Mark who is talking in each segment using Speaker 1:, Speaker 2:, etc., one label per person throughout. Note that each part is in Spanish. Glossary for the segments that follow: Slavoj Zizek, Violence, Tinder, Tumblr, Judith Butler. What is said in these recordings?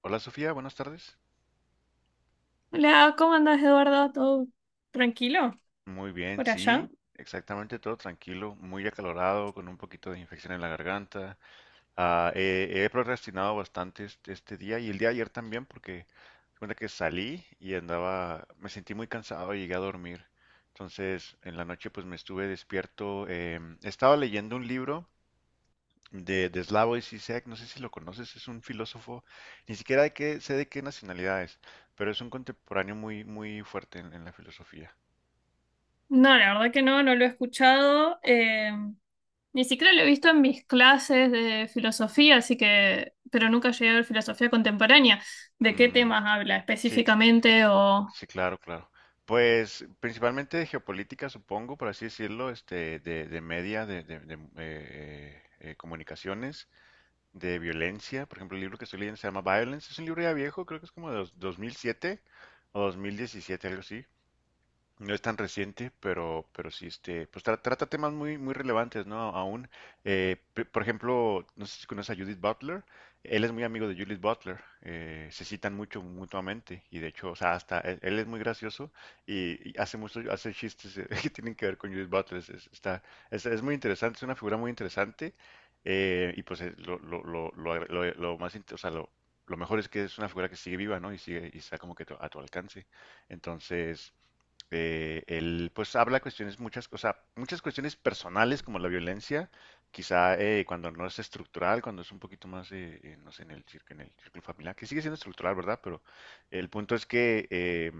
Speaker 1: Hola, Sofía, buenas tardes.
Speaker 2: Hola, ¿cómo andas, Eduardo? ¿Todo tranquilo
Speaker 1: Muy bien,
Speaker 2: por
Speaker 1: sí,
Speaker 2: allá?
Speaker 1: exactamente todo tranquilo, muy acalorado, con un poquito de infección en la garganta. He procrastinado bastante este día y el día de ayer también porque se cuenta que salí y andaba, me sentí muy cansado y llegué a dormir. Entonces en la noche pues me estuve despierto. Estaba leyendo un libro de Slavoj Zizek, no sé si lo conoces, es un filósofo, ni siquiera de qué, sé de qué nacionalidad es, pero es un contemporáneo muy, muy fuerte en la filosofía.
Speaker 2: No, la verdad que no, no lo he escuchado. Ni siquiera lo he visto en mis clases de filosofía, así que, pero nunca llegué a ver filosofía contemporánea. ¿De qué
Speaker 1: Mm,
Speaker 2: temas habla
Speaker 1: sí, cl-
Speaker 2: específicamente? O.
Speaker 1: sí, claro, claro. Pues principalmente de geopolítica, supongo, por así decirlo, este, de media, comunicaciones, de violencia. Por ejemplo, el libro que estoy leyendo se llama Violence. Es un libro ya viejo, creo que es como de 2007 o 2017, algo así. No es tan reciente, pero sí, este, pues trata temas muy, muy relevantes, ¿no? Aún, por ejemplo, no sé si conoces a Judith Butler, él es muy amigo de Judith Butler, se citan mucho mutuamente, y de hecho, o sea, hasta él, él es muy gracioso y hace mucho, hace chistes que tienen que ver con Judith Butler, es muy interesante, es una figura muy interesante, y pues lo, agra- lo más, int- o sea, lo mejor es que es una figura que sigue viva, ¿no? Y sigue, y está como que a tu alcance. Entonces, él pues habla cuestiones, muchas, o sea, muchas cuestiones personales como la violencia, quizá cuando no es estructural, cuando es un poquito más, no sé, en el, en el círculo familiar, que sigue siendo estructural, ¿verdad? Pero el punto es que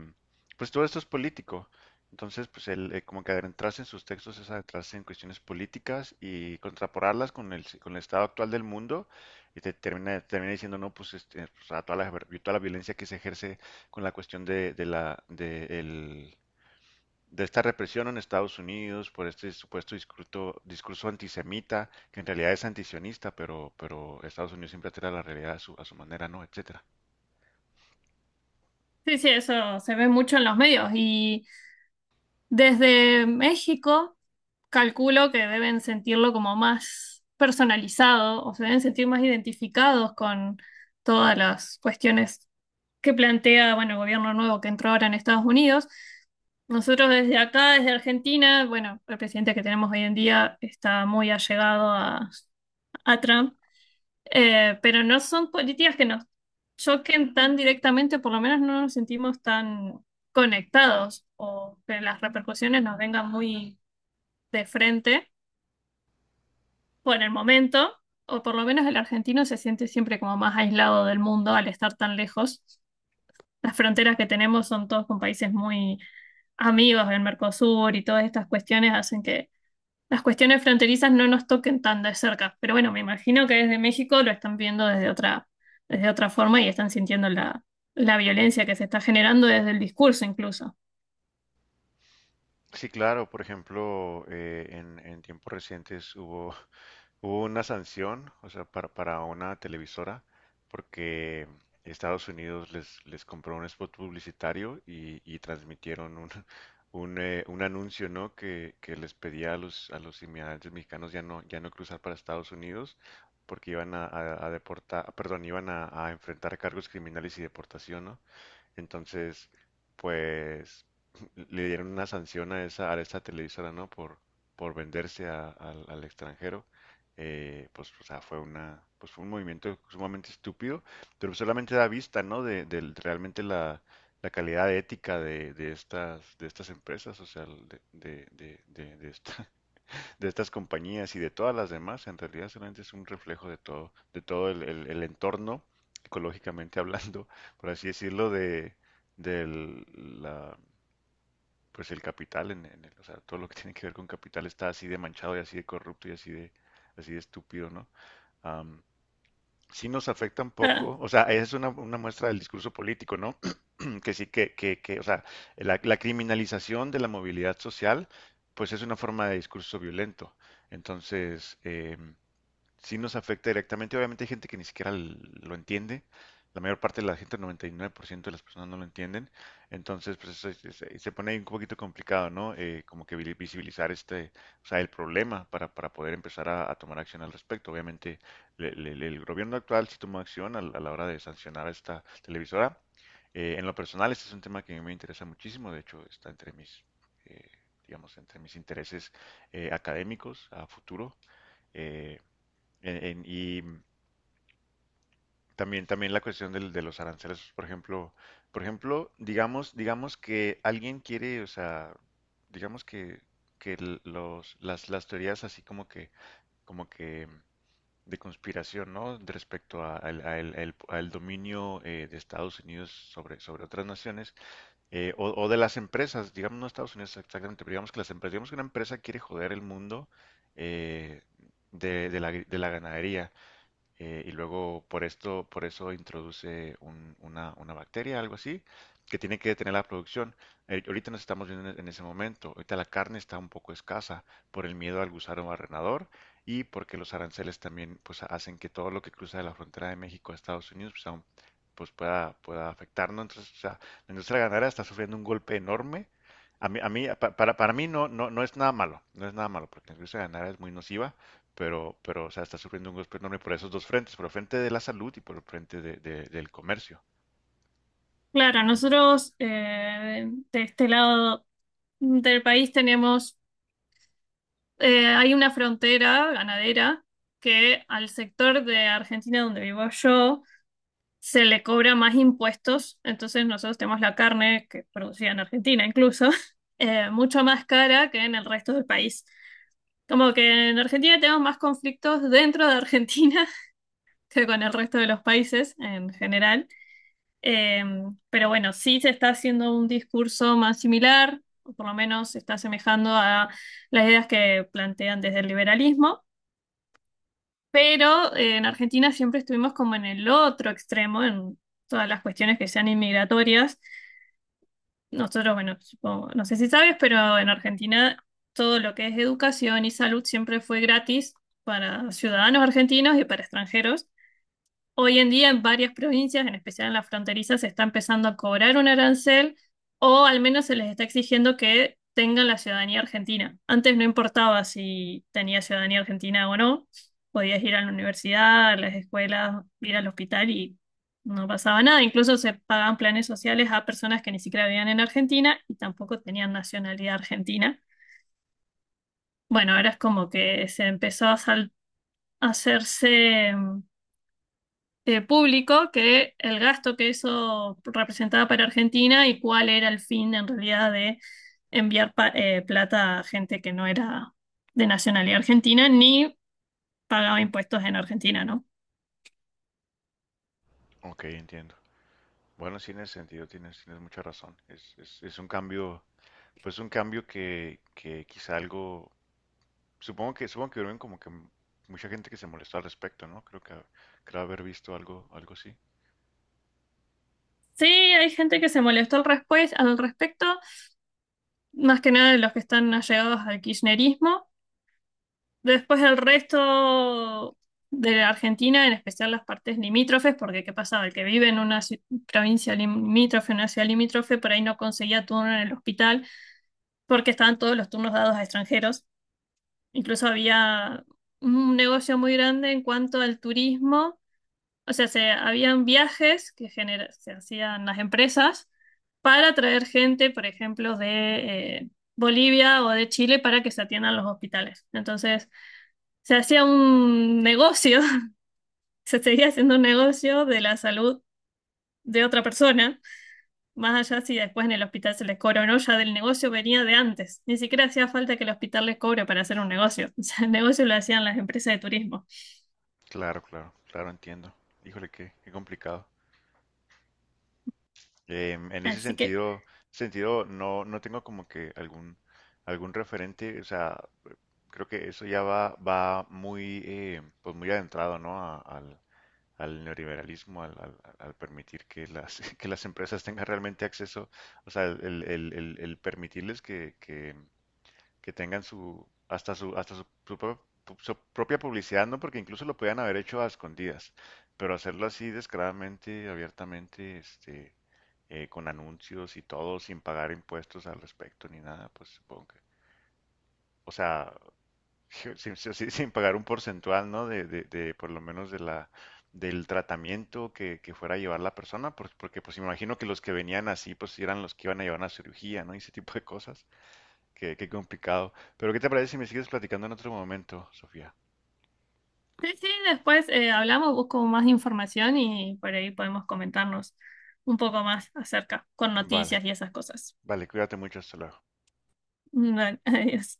Speaker 1: pues todo esto es político. Entonces, pues él como que adentrarse en sus textos es adentrarse en cuestiones políticas y contraporarlas con el estado actual del mundo y te termina, termina diciendo, no, pues, este, o sea, toda la violencia que se ejerce con la cuestión de la, de esta represión en Estados Unidos por este supuesto discurso antisemita, que en realidad es antisionista, pero Estados Unidos siempre altera la realidad a su manera, ¿no? Etcétera.
Speaker 2: Sí, sí, eso se ve mucho en los medios, y desde México calculo que deben sentirlo como más personalizado, o se deben sentir más identificados con todas las cuestiones, que plantea, bueno, el gobierno nuevo que entró ahora en Estados Unidos. Nosotros desde acá, desde Argentina, bueno, el presidente que tenemos hoy en día está muy allegado a, Trump, pero no son políticas que nos choquen tan directamente, por lo menos no nos sentimos tan conectados o que las repercusiones nos vengan muy de frente por el momento, o por lo menos el argentino se siente siempre como más aislado del mundo al estar tan lejos. Las fronteras que tenemos son todos con países muy amigos del Mercosur, y todas estas cuestiones hacen que las cuestiones fronterizas no nos toquen tan de cerca. Pero bueno, me imagino que desde México lo están viendo desde otra forma, y están sintiendo la violencia que se está generando desde el discurso incluso.
Speaker 1: Sí, claro, por ejemplo, en tiempos recientes hubo una sanción, o sea, para una televisora, porque Estados Unidos les, les compró un spot publicitario y transmitieron un, un anuncio, ¿no? Que les pedía a los inmigrantes mexicanos ya no, ya no cruzar para Estados Unidos porque iban a deportar, perdón, iban a enfrentar cargos criminales y deportación, ¿no? Entonces, pues le dieron una sanción a esa televisora, ¿no? Por venderse al extranjero. Pues, o sea, fue una, pues fue un movimiento sumamente estúpido, pero solamente da vista, ¿no? Realmente la, la calidad ética de estas empresas, o sea, de esta, de estas compañías y de todas las demás, en realidad solamente es un reflejo de todo el entorno, ecológicamente hablando, por así decirlo, del, la, pues el capital, o sea, todo lo que tiene que ver con capital está así de manchado y así de corrupto y así de estúpido, ¿no? Am, sí nos afecta un
Speaker 2: Ah,
Speaker 1: poco, o sea, es una muestra del discurso político, ¿no? Mm, que sí, que o sea, la criminalización de la movilidad social, pues es una forma de discurso violento. Entonces, sí nos afecta directamente. Obviamente hay gente que ni siquiera lo entiende. La mayor parte de la gente, el 99% de las personas no lo entienden. Entonces, pues eso se pone ahí un poquito complicado, ¿no? Como que visibilizar este, o sea, el problema para poder empezar a tomar acción al respecto. Obviamente, el gobierno actual sí tomó acción a la hora de sancionar a esta televisora. En lo personal, este es un tema que a mí me interesa muchísimo. De hecho, está entre mis, eh, digamos, entre mis intereses académicos a futuro. Eh, y también, también la cuestión de los aranceles, por ejemplo, digamos, digamos que alguien quiere, o sea, digamos que las teorías así como que de conspiración, ¿no? De respecto a- al, a el- al dominio de Estados Unidos sobre, sobre otras naciones, o de las empresas, digamos, no Estados Unidos exactamente, pero digamos que las empresas, digamos que una empresa quiere joder el mundo eh, de la, de la ganadería, y luego por esto, por eso introduce una bacteria, algo así, que tiene que detener la producción. Ahorita nos estamos viendo en ese momento. Ahorita la carne está un poco escasa por el miedo al gusano barrenador y porque los aranceles también pues hacen que todo lo que cruza de la frontera de México a Estados Unidos pues, aún, pues, pueda, pueda afectarnos. Entonces, o sea, la industria ganadera está sufriendo un golpe enorme. A mí, para mí no, no, no es nada malo, no es nada malo, porque la industria ganadera es muy nociva, pero, o sea, está sufriendo un costo enorme por esos dos frentes, por el frente de la salud y por el frente del comercio.
Speaker 2: claro, nosotros de este lado del país tenemos, hay una frontera ganadera, que al sector de Argentina donde vivo yo se le cobra más impuestos, entonces nosotros tenemos la carne que producida en Argentina incluso, mucho más cara que en el resto del país. Como que en Argentina tenemos más conflictos dentro de Argentina que con el resto de los países en general. Eh, pero bueno, sí se está haciendo un discurso más similar, o por lo menos se está asemejando a las ideas que plantean desde el liberalismo. Pero en Argentina siempre estuvimos como en el otro extremo, en todas las cuestiones que sean inmigratorias. Nosotros, bueno, no sé si sabes, pero en Argentina todo lo que es educación y salud siempre fue gratis para ciudadanos argentinos y para extranjeros. Hoy en día en varias provincias, en especial en las fronterizas, se está empezando a cobrar un arancel, o al menos se les está exigiendo que tengan la ciudadanía argentina. Antes no importaba si tenías ciudadanía argentina o no, podías ir a la universidad, a las escuelas, ir al hospital y no pasaba nada. Incluso se pagaban planes sociales a personas que ni siquiera vivían en Argentina y tampoco tenían nacionalidad argentina. Bueno, ahora es como que se empezó a a hacerse público que el gasto que eso representaba para Argentina, y cuál era el fin en realidad de enviar plata a gente que no era de nacionalidad argentina ni pagaba impuestos en Argentina, ¿no?
Speaker 1: Ok, entiendo. Bueno, sí, en ese sentido tienes, tienes mucha razón. Es un cambio, pues un cambio que quizá algo, supongo que hubieron como que mucha gente que se molestó al respecto, ¿no? Creo haber visto algo, algo así.
Speaker 2: Sí, hay gente que se molestó al respecto, más que nada de los que están allegados al kirchnerismo. Después el resto de Argentina, en especial las partes limítrofes, porque ¿qué pasaba? El que vive en una provincia limítrofe, una ciudad limítrofe, por ahí no conseguía turno en el hospital porque estaban todos los turnos dados a extranjeros. Incluso había un negocio muy grande en cuanto al turismo. O sea, habían viajes que se hacían las empresas para traer gente, por ejemplo, de Bolivia o de Chile, para que se atiendan los hospitales. Entonces se hacía un negocio, se seguía haciendo un negocio de la salud de otra persona, más allá si después en el hospital se les cobra o no. Ya del negocio venía de antes, ni siquiera hacía falta que el hospital les cobre para hacer un negocio. O sea, el negocio lo hacían las empresas de turismo.
Speaker 1: Claro, claro, claro, entiendo. Híjole, qué, qué complicado. Em, en ese
Speaker 2: Así que
Speaker 1: sentido, sentido no, no tengo como que algún, algún referente, o sea, creo que eso ya va, va muy, pues muy adentrado, ¿no? Al neoliberalismo, al permitir que las, que las empresas tengan realmente acceso, o sea, el permitirles que, que tengan su, hasta su, hasta su, su propia publicidad, ¿no? Porque incluso lo podían haber hecho a escondidas, pero hacerlo así descaradamente, abiertamente, este, con anuncios y todo, sin pagar impuestos al respecto ni nada, pues supongo que, o sea, sin pagar un porcentual, ¿no? De, por lo menos, de la, del tratamiento que fuera a llevar la persona, porque pues imagino que los que venían así, pues eran los que iban a llevar una cirugía, ¿no? Y ese tipo de cosas. Qué, qué complicado. Pero ¿qué te parece si me sigues platicando en otro momento, Sofía?
Speaker 2: sí, sí, después hablamos, busco más información y por ahí podemos comentarnos un poco más acerca, con
Speaker 1: Vale,
Speaker 2: noticias y esas cosas.
Speaker 1: vale, cuídate mucho, hasta luego.
Speaker 2: Bueno, adiós.